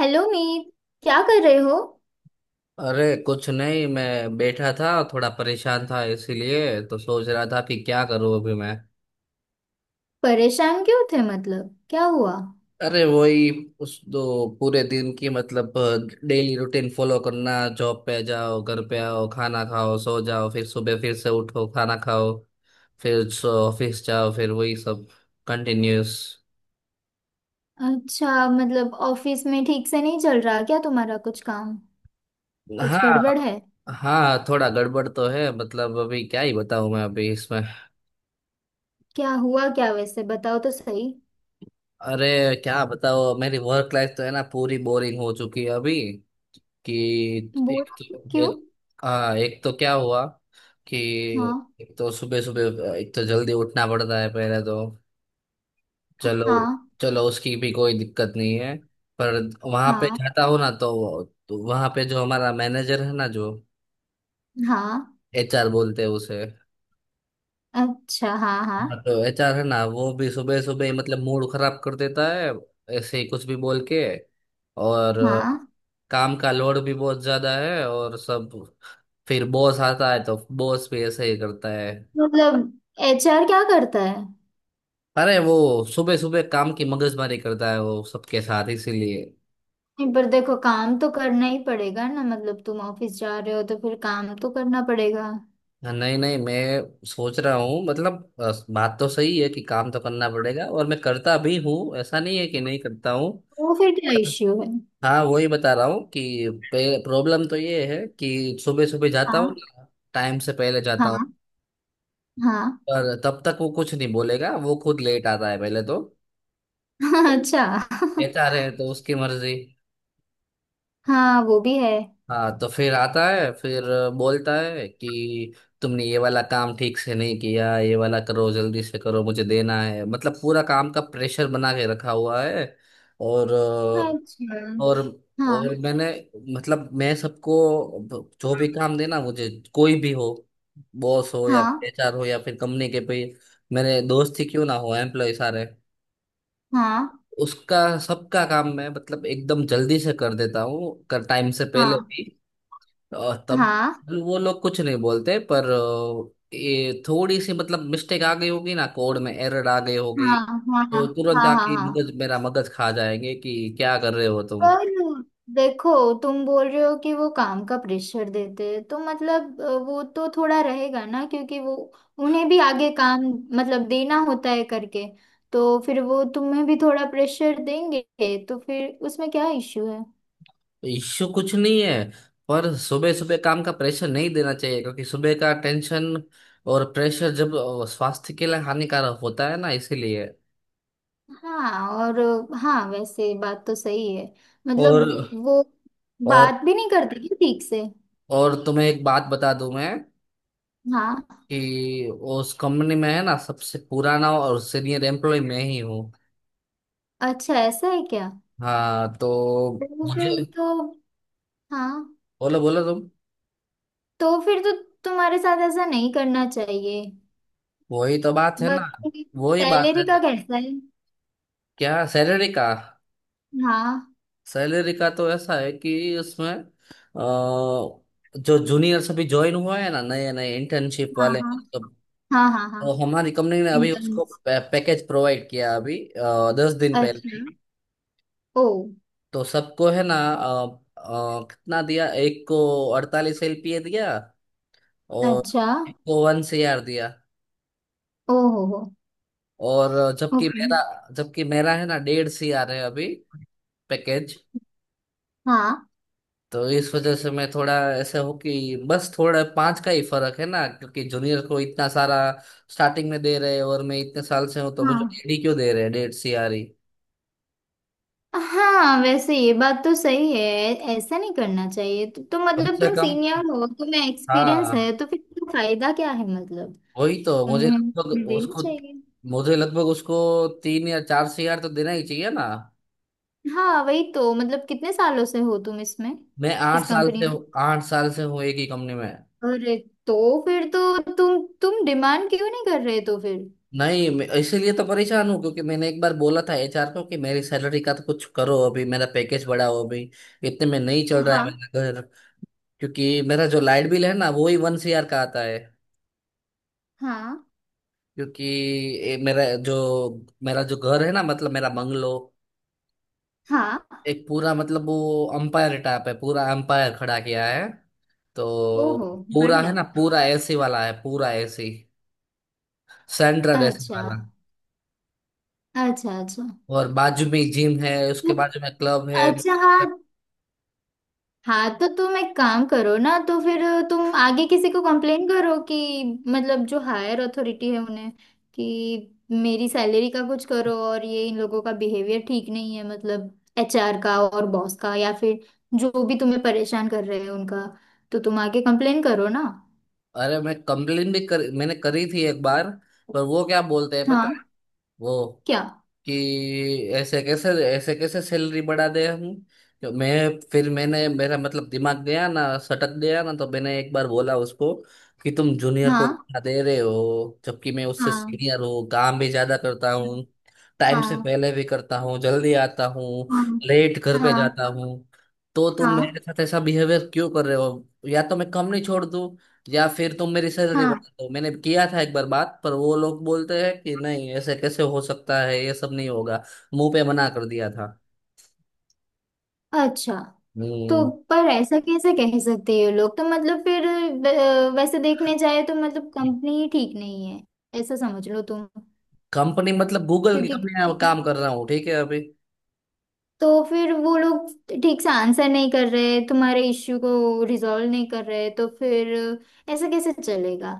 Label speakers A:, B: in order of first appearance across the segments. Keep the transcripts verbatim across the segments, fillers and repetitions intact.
A: Hello Meet. क्या कर रहे हो।
B: अरे कुछ नहीं, मैं बैठा था। थोड़ा परेशान था, इसीलिए तो सोच रहा था कि क्या करूं अभी मैं।
A: परेशान क्यों थे? मतलब क्या हुआ।
B: अरे वही, उस दो पूरे दिन की मतलब डेली रूटीन फॉलो करना। जॉब पे जाओ, घर पे आओ, खाना खाओ, सो जाओ, फिर सुबह फिर से उठो, खाना खाओ, फिर सो ऑफिस जाओ, फिर वही सब कंटिन्यूस।
A: अच्छा, मतलब ऑफिस में ठीक से नहीं चल रहा क्या तुम्हारा कुछ काम? कुछ गड़बड़
B: हाँ,
A: है?
B: हाँ थोड़ा गड़बड़ तो है। मतलब अभी क्या ही बताऊं मैं अभी इसमें।
A: क्या हुआ क्या, वैसे बताओ तो सही।
B: अरे क्या बताओ, मेरी वर्क लाइफ तो है ना पूरी बोरिंग हो चुकी है अभी। कि
A: बोल।
B: एक तो
A: क्यों?
B: एक, हाँ एक तो क्या हुआ कि
A: हाँ
B: एक तो सुबह सुबह, एक तो जल्दी उठना पड़ता है पहले तो। चलो,
A: हाँ
B: चलो उसकी भी कोई दिक्कत नहीं है। पर वहां पे
A: हाँ
B: जाता हूँ ना तो, तो वहां पे जो हमारा मैनेजर है ना, जो
A: हाँ।
B: एचआर बोलते हैं उसे।
A: अच्छा हाँ हाँ
B: हाँ, तो एच आर है ना वो भी सुबह सुबह ही मतलब मूड खराब कर देता है, ऐसे ही कुछ भी बोल के। और अ,
A: हाँ।
B: काम का लोड भी बहुत ज्यादा है। और सब, फिर बॉस आता है तो बॉस भी ऐसे ही करता है।
A: मतलब एचआर क्या करता है?
B: अरे वो सुबह सुबह काम की मगजमारी करता है वो सबके साथ, इसीलिए।
A: नहीं, पर देखो काम तो करना ही पड़ेगा ना, मतलब तुम ऑफिस जा रहे हो तो फिर काम तो करना पड़ेगा।
B: नहीं नहीं, मैं सोच रहा हूँ मतलब अ, बात तो सही है कि काम तो करना पड़ेगा, और मैं करता भी हूँ, ऐसा नहीं है कि नहीं करता हूँ।
A: वो फिर क्या
B: पर-
A: इश्यू है?
B: हाँ वही बता रहा हूँ कि प्रॉब्लम तो ये है कि सुबह सुबह जाता हूँ
A: हाँ
B: ना, टाइम से पहले जाता
A: हाँ
B: हूँ।
A: हाँ।
B: पर तब तक वो कुछ नहीं बोलेगा, वो खुद लेट आता है पहले तो।
A: अच्छा।
B: कहता रहे तो उसकी मर्जी।
A: हाँ वो भी है।
B: हाँ, तो फिर आता है, फिर बोलता है कि तुमने ये वाला काम ठीक से नहीं किया, ये वाला करो, जल्दी से करो, मुझे देना है। मतलब पूरा काम का प्रेशर बना के रखा हुआ है। और
A: अच्छा
B: और
A: हाँ
B: और मैंने, मतलब मैं सबको, जो भी काम देना मुझे, कोई भी हो, बॉस हो या
A: हाँ
B: एच आर हो या फिर कंपनी के पे मेरे दोस्त ही क्यों ना हो, एम्प्लॉय सारे,
A: हाँ
B: उसका सबका काम मैं मतलब एकदम जल्दी से कर देता हूँ, कर टाइम से पहले
A: हाँ
B: भी। और तब
A: हाँ
B: वो लोग कुछ नहीं बोलते, पर अ, ये थोड़ी सी मतलब मिस्टेक आ गई होगी ना, कोड में एरर आ गई होगी,
A: हाँ हाँ हाँ
B: तो
A: हाँ
B: तुरंत
A: हाँ
B: आके मगज
A: हाँ।
B: मेरा मगज खा जाएंगे कि क्या कर रहे हो तुम।
A: पर देखो, तुम बोल रहे हो कि वो काम का प्रेशर देते हैं तो मतलब अ, वो तो थोड़ा रहेगा ना क्योंकि वो उन्हें भी आगे काम मतलब देना होता है करके, तो फिर वो तुम्हें भी थोड़ा प्रेशर देंगे। तो फिर उसमें क्या इश्यू है?
B: इश्यू कुछ नहीं है, पर सुबह सुबह काम का प्रेशर नहीं देना चाहिए, क्योंकि सुबह का टेंशन और प्रेशर जब अ, स्वास्थ्य के लिए हानिकारक होता है ना, इसीलिए।
A: हाँ और। हाँ वैसे बात तो सही है।
B: और
A: मतलब वो
B: और
A: बात भी नहीं करती क्या ठीक से?
B: और तुम्हें एक बात बता दूं मैं
A: हाँ।
B: कि उस कंपनी में है ना सबसे पुराना और सीनियर एम्प्लॉय मैं ही हूँ।
A: अच्छा ऐसा है क्या?
B: हाँ, तो
A: तो फिर
B: मुझे,
A: तो। हाँ।
B: बोलो बोलो तुम।
A: तो फिर तो तुम्हारे साथ ऐसा नहीं करना चाहिए।
B: वही तो बात है ना,
A: बाकी
B: वही बात है।
A: सैलरी का कैसा है?
B: क्या सैलरी का?
A: हाँ
B: सैलरी का तो ऐसा है कि उसमें अ, जो जूनियर्स अभी ज्वाइन हुआ है ना, नए नए इंटर्नशिप
A: हाँ
B: वाले,
A: हाँ
B: तो,
A: हाँ हाँ
B: तो
A: हाँ।
B: हमारी कंपनी ने अभी उसको
A: इंटर्न्स।
B: पै, पैकेज प्रोवाइड किया अभी आ, दस दिन पहले
A: अच्छा।
B: ही।
A: ओ।
B: तो सबको है ना, अ, अ, कितना दिया एक को, अड़तालीस एल पी ए दिया। और
A: अच्छा।
B: एक को वन सी आर दिया।
A: ओ हो हो।
B: और जबकि
A: ओके।
B: मेरा जबकि मेरा है ना डेढ़ सी आर आ रहे हैं अभी पैकेज।
A: हाँ
B: तो इस वजह से मैं थोड़ा ऐसे हो कि बस थोड़ा पांच का ही फर्क है ना, क्योंकि जूनियर को इतना सारा स्टार्टिंग में दे रहे हैं और मैं इतने साल से हूँ तो
A: हाँ।
B: मुझे डेढ़ ही क्यों दे रहे हैं, डेढ़ सी आर आ रही।
A: हाँ वैसे ये बात तो सही है, ऐसा नहीं करना चाहिए। तो, तो
B: कम
A: मतलब
B: से
A: तुम
B: कम,
A: सीनियर हो, तुम्हें एक्सपीरियंस है,
B: हाँ
A: तो फिर तुम्हें फायदा क्या है मतलब,
B: वही तो। मुझे
A: तुम्हें
B: लगभग
A: देना
B: उसको
A: चाहिए।
B: मुझे लगभग उसको तीन या चार सी आर तो देना ही चाहिए ना।
A: हाँ वही तो मतलब, कितने सालों से हो तुम इसमें?
B: मैं आठ
A: इस
B: साल
A: कंपनी
B: से हूँ
A: में?
B: आठ साल से हूँ एक ही कंपनी में।
A: अरे, तो फिर तो तुम तुम डिमांड क्यों नहीं कर रहे तो फिर?
B: नहीं मैं- इसीलिए तो परेशान हूँ, क्योंकि मैंने एक बार बोला था एच आर को कि मेरी सैलरी का तो कुछ करो, अभी मेरा पैकेज बढ़ाओ। अभी इतने में नहीं चल रहा है
A: हाँ
B: मेरा घर, क्योंकि मेरा जो लाइट बिल है ना वो ही वन सी आर का आता है।
A: हाँ
B: क्योंकि ये मेरा जो मेरा जो घर है ना, मतलब मेरा बंगलो,
A: हाँ।
B: एक पूरा मतलब वो अंपायर टाइप है, पूरा अंपायर खड़ा किया है। तो
A: ओहो
B: पूरा है
A: बढ़िया।
B: ना पूरा ए सी वाला है, पूरा एसी, सेंट्रल ए सी
A: अच्छा
B: वाला।
A: अच्छा। अच्छा
B: और बाजू में जिम है, उसके
A: तो-
B: बाजू में क्लब है।
A: अच्छा हाँ। हाँ तो तुम एक काम करो ना तो फिर, तुम आगे किसी को कंप्लेन करो कि, मतलब जो हायर अथॉरिटी है उन्हें, कि मेरी सैलरी का कुछ करो और ये इन लोगों का बिहेवियर ठीक नहीं है मतलब। एचआर का और बॉस का या फिर जो भी तुम्हें परेशान कर रहे हैं उनका। तो तुम आगे कंप्लेन करो ना।
B: अरे मैं कंप्लेन भी कर मैंने करी थी एक बार, पर वो क्या बोलते हैं पता है?
A: हाँ।
B: वो
A: क्या?
B: कि ऐसे कैसे, ऐसे कैसे सैलरी बढ़ा दे हम। तो मैं, फिर मैंने मेरा मतलब दिमाग गया ना, सटक गया ना, तो मैंने एक बार बोला उसको कि तुम जूनियर को
A: हाँ
B: इतना दे रहे हो, जबकि मैं उससे
A: हाँ
B: सीनियर हूँ, काम भी ज्यादा करता हूँ, टाइम से
A: हाँ
B: पहले भी करता हूँ, जल्दी आता हूँ,
A: हाँ
B: लेट
A: हाँ
B: घर पे
A: हाँ
B: जाता हूँ। तो तुम
A: हाँ
B: मेरे साथ ऐसा बिहेवियर क्यों कर रहे हो? या तो मैं कंपनी छोड़ दूँ या फिर तुम मेरी सैलरी
A: हाँ।
B: बढ़ा दो। मैंने किया था एक बार बात, पर वो लोग बोलते हैं कि नहीं ऐसे कैसे हो सकता है, ये सब नहीं होगा। मुंह पे मना कर दिया था।
A: अच्छा। तो
B: हम्म।
A: पर ऐसा कैसे कह सकते हैं ये लोग तो मतलब फिर? अ, वैसे देखने जाए तो मतलब कंपनी ही ठीक नहीं है, ऐसा समझ लो तुम।
B: कंपनी मतलब गूगल की
A: क्योंकि
B: कंपनी में काम कर रहा हूँ, ठीक है अभी।
A: तो फिर वो लोग ठीक से आंसर नहीं कर रहे, तुम्हारे इश्यू को रिजॉल्व नहीं कर रहे तो फिर ऐसा कैसे चलेगा?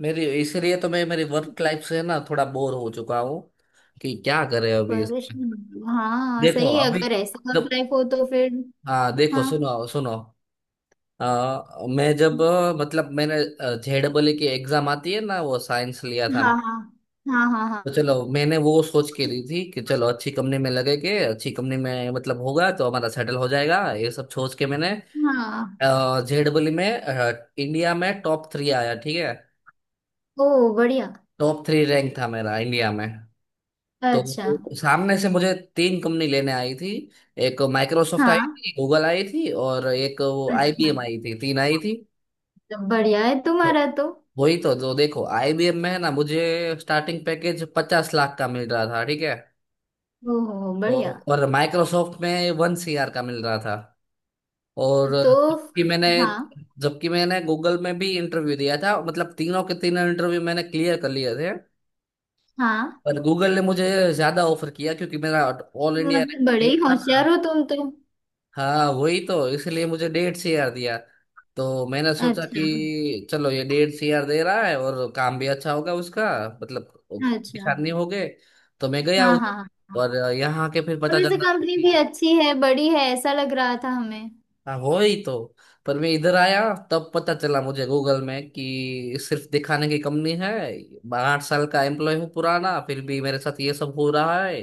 B: मेरी इसलिए तो मैं मेरी वर्क लाइफ से ना थोड़ा बोर हो चुका हूँ कि क्या करे अभी इसमें।
A: परेशान, हाँ
B: देखो
A: सही है,
B: अभी,
A: अगर ऐसा वर्क लाइफ हो तो फिर।
B: हाँ देखो,
A: हाँ
B: सुनो सुनो, अ, मैं जब अ, मतलब मैंने जे डबल की एग्जाम आती है ना, वो साइंस लिया था
A: हाँ
B: मैं।
A: हाँ हाँ हाँ
B: तो चलो मैंने वो सोच के दी थी कि चलो अच्छी कंपनी में लगेंगे, अच्छी कंपनी में मतलब होगा तो हमारा सेटल हो जाएगा, ये सब सोच के मैंने
A: हाँ हाँ।
B: जे डबल में अ, इंडिया में टॉप थ्री आया, ठीक है।
A: ओ बढ़िया।
B: टॉप थ्री रैंक था मेरा इंडिया में।
A: अच्छा।
B: तो सामने से मुझे तीन कंपनी लेने आई थी। एक माइक्रोसॉफ्ट आई
A: हाँ।
B: थी, गूगल आई थी और एक वो
A: अच्छा।
B: आई बी एम आई थी, तीन आई थी।
A: बढ़िया है
B: तो
A: तुम्हारा तो।
B: वही तो, जो देखो आई बी एम में है ना मुझे स्टार्टिंग पैकेज पचास लाख का मिल रहा था, ठीक है।
A: ओहो
B: तो
A: बढ़िया।
B: और माइक्रोसॉफ्ट में वन सी आर का मिल रहा था। और
A: तो
B: जबकि मैंने
A: हाँ
B: जबकि मैंने गूगल में भी इंटरव्यू दिया था, मतलब तीनों के तीनों इंटरव्यू मैंने क्लियर कर लिए थे।
A: हाँ,
B: पर गूगल ने मुझे ज्यादा ऑफर किया, क्योंकि मेरा ऑल इंडिया
A: मतलब बड़े
B: रैंक
A: ही
B: था ना।
A: होशियार हो तुम तो।
B: हाँ वही तो, इसलिए मुझे डेढ़ से यार दिया। तो मैंने सोचा
A: अच्छा।
B: कि चलो ये डेढ़ से यार दे रहा है और काम भी अच्छा होगा उसका, मतलब
A: अच्छा।
B: परेशान नहीं हो गए। तो मैं गया
A: हाँ
B: उधर,
A: हाँ हाँ।
B: और यहाँ के फिर
A: और
B: पता
A: वैसे
B: चला
A: कंपनी
B: कि,
A: भी अच्छी है, बड़ी है, ऐसा लग रहा था हमें।
B: हाँ हो ही तो, पर मैं इधर आया तब पता चला मुझे गूगल में कि सिर्फ दिखाने की कंपनी है। आठ साल का एम्प्लॉय हूँ पुराना, फिर भी मेरे साथ ये सब हो रहा है।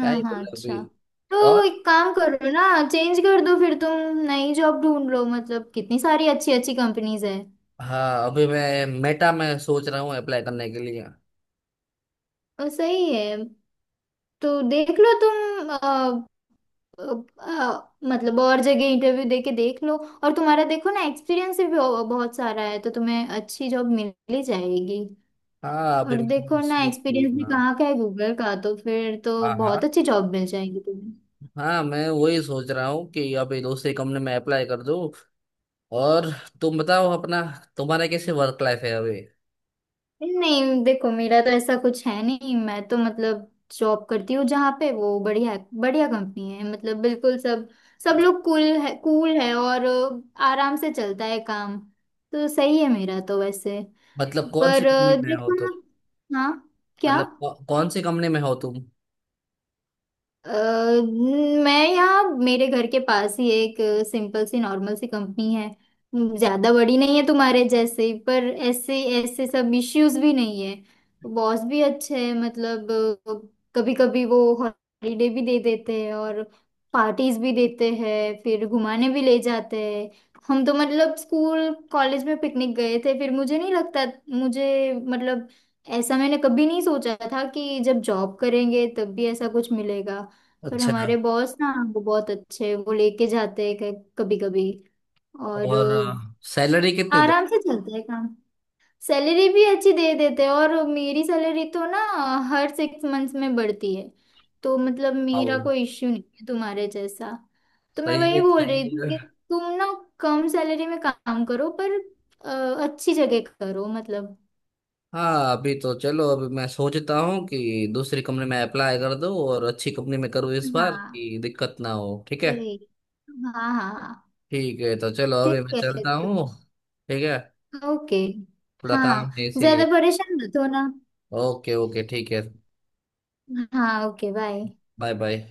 B: क्या ही
A: हाँ।
B: बोले अभी।
A: अच्छा। तो
B: और
A: एक काम करो ना, चेंज कर दो फिर, तुम नई जॉब ढूंढ लो, मतलब कितनी सारी अच्छी अच्छी कंपनीज है।
B: हाँ, अभी मैं मेटा में सोच रहा हूँ अप्लाई करने के लिए।
A: और सही है, तो देख लो तुम। अ, मतलब और जगह इंटरव्यू दे के देख लो। और तुम्हारा देखो ना एक्सपीरियंस भी बहु- बहुत सारा है, तो तुम्हें अच्छी जॉब मिल ही जाएगी।
B: हाँ अभी
A: और देखो
B: मैं
A: ना
B: सोच
A: एक्सपीरियंस भी
B: रहा-
A: कहाँ का है, गूगल का, तो फिर तो
B: हाँ हाँ,
A: बहुत अच्छी जॉब मिल जाएगी तुम्हें।
B: हाँ मैं वही सोच रहा हूँ कि अभी दूसरी कंपनी में अप्लाई कर दूँ। और तुम बताओ अपना, तुम्हारा कैसे वर्क लाइफ है अभी?
A: नहीं देखो, मेरा तो ऐसा कुछ है नहीं। मैं तो मतलब जॉब करती हूँ जहाँ पे, वो बढ़िया बढ़िया कंपनी है, मतलब बिल्कुल, सब सब लोग कूल है कूल है और अ, आराम से चलता है काम। तो सही है मेरा तो वैसे।
B: मतलब कौन सी
A: पर
B: कंपनी
A: अ,
B: में हो
A: देखो
B: तुम?
A: ना। हाँ। क्या?
B: मतलब कौ, कौन सी कंपनी में हो तुम?
A: अ, मैं यहाँ मेरे घर के पास ही एक सिंपल सी नॉर्मल सी कंपनी है, ज्यादा बड़ी नहीं है तुम्हारे जैसे, पर ऐसे ऐसे सब इश्यूज भी नहीं है। बॉस भी अच्छे हैं मतलब, कभी कभी वो हॉलीडे भी दे देते हैं और पार्टीज भी देते हैं, फिर घुमाने भी ले जाते हैं। हम तो मतलब स्कूल कॉलेज में पिकनिक गए थे, फिर मुझे नहीं लगता मुझे मतलब, ऐसा मैंने कभी नहीं सोचा था कि जब जॉब करेंगे तब भी ऐसा कुछ मिलेगा। पर
B: अच्छा।
A: हमारे बॉस ना, वो बहुत अच्छे हैं, वो लेके जाते हैं कभी कभी। और
B: और
A: अ,
B: सैलरी कितनी दे
A: आराम से चलता है काम। सैलरी भी अच्छी दे देते हैं और मेरी सैलरी तो ना हर सिक्स मंथ्स में बढ़ती है। तो मतलब मेरा
B: पाओ?
A: कोई इश्यू नहीं है तुम्हारे जैसा। तो मैं
B: सही
A: वही
B: है,
A: बोल रही
B: सही
A: थी
B: है।
A: कि तुम ना कम सैलरी में काम करो पर अ, अच्छी जगह करो मतलब।
B: हाँ अभी तो चलो, अभी मैं सोचता हूँ कि दूसरी कंपनी में अप्लाई कर दूँ और अच्छी कंपनी में करूँ इस बार
A: हाँ
B: कि दिक्कत ना हो, ठीक है।
A: वही। हाँ हाँ हाँ।
B: ठीक है, तो चलो अभी
A: ठीक
B: मैं
A: है
B: चलता
A: तो।
B: हूँ। ठीक है,
A: ओके।
B: थोड़ा काम
A: हाँ
B: है
A: ज्यादा
B: इसीलिए।
A: परेशान मत हो ना।
B: ओके ओके, ठीक है।
A: हाँ ओके बाय।
B: Bye bye.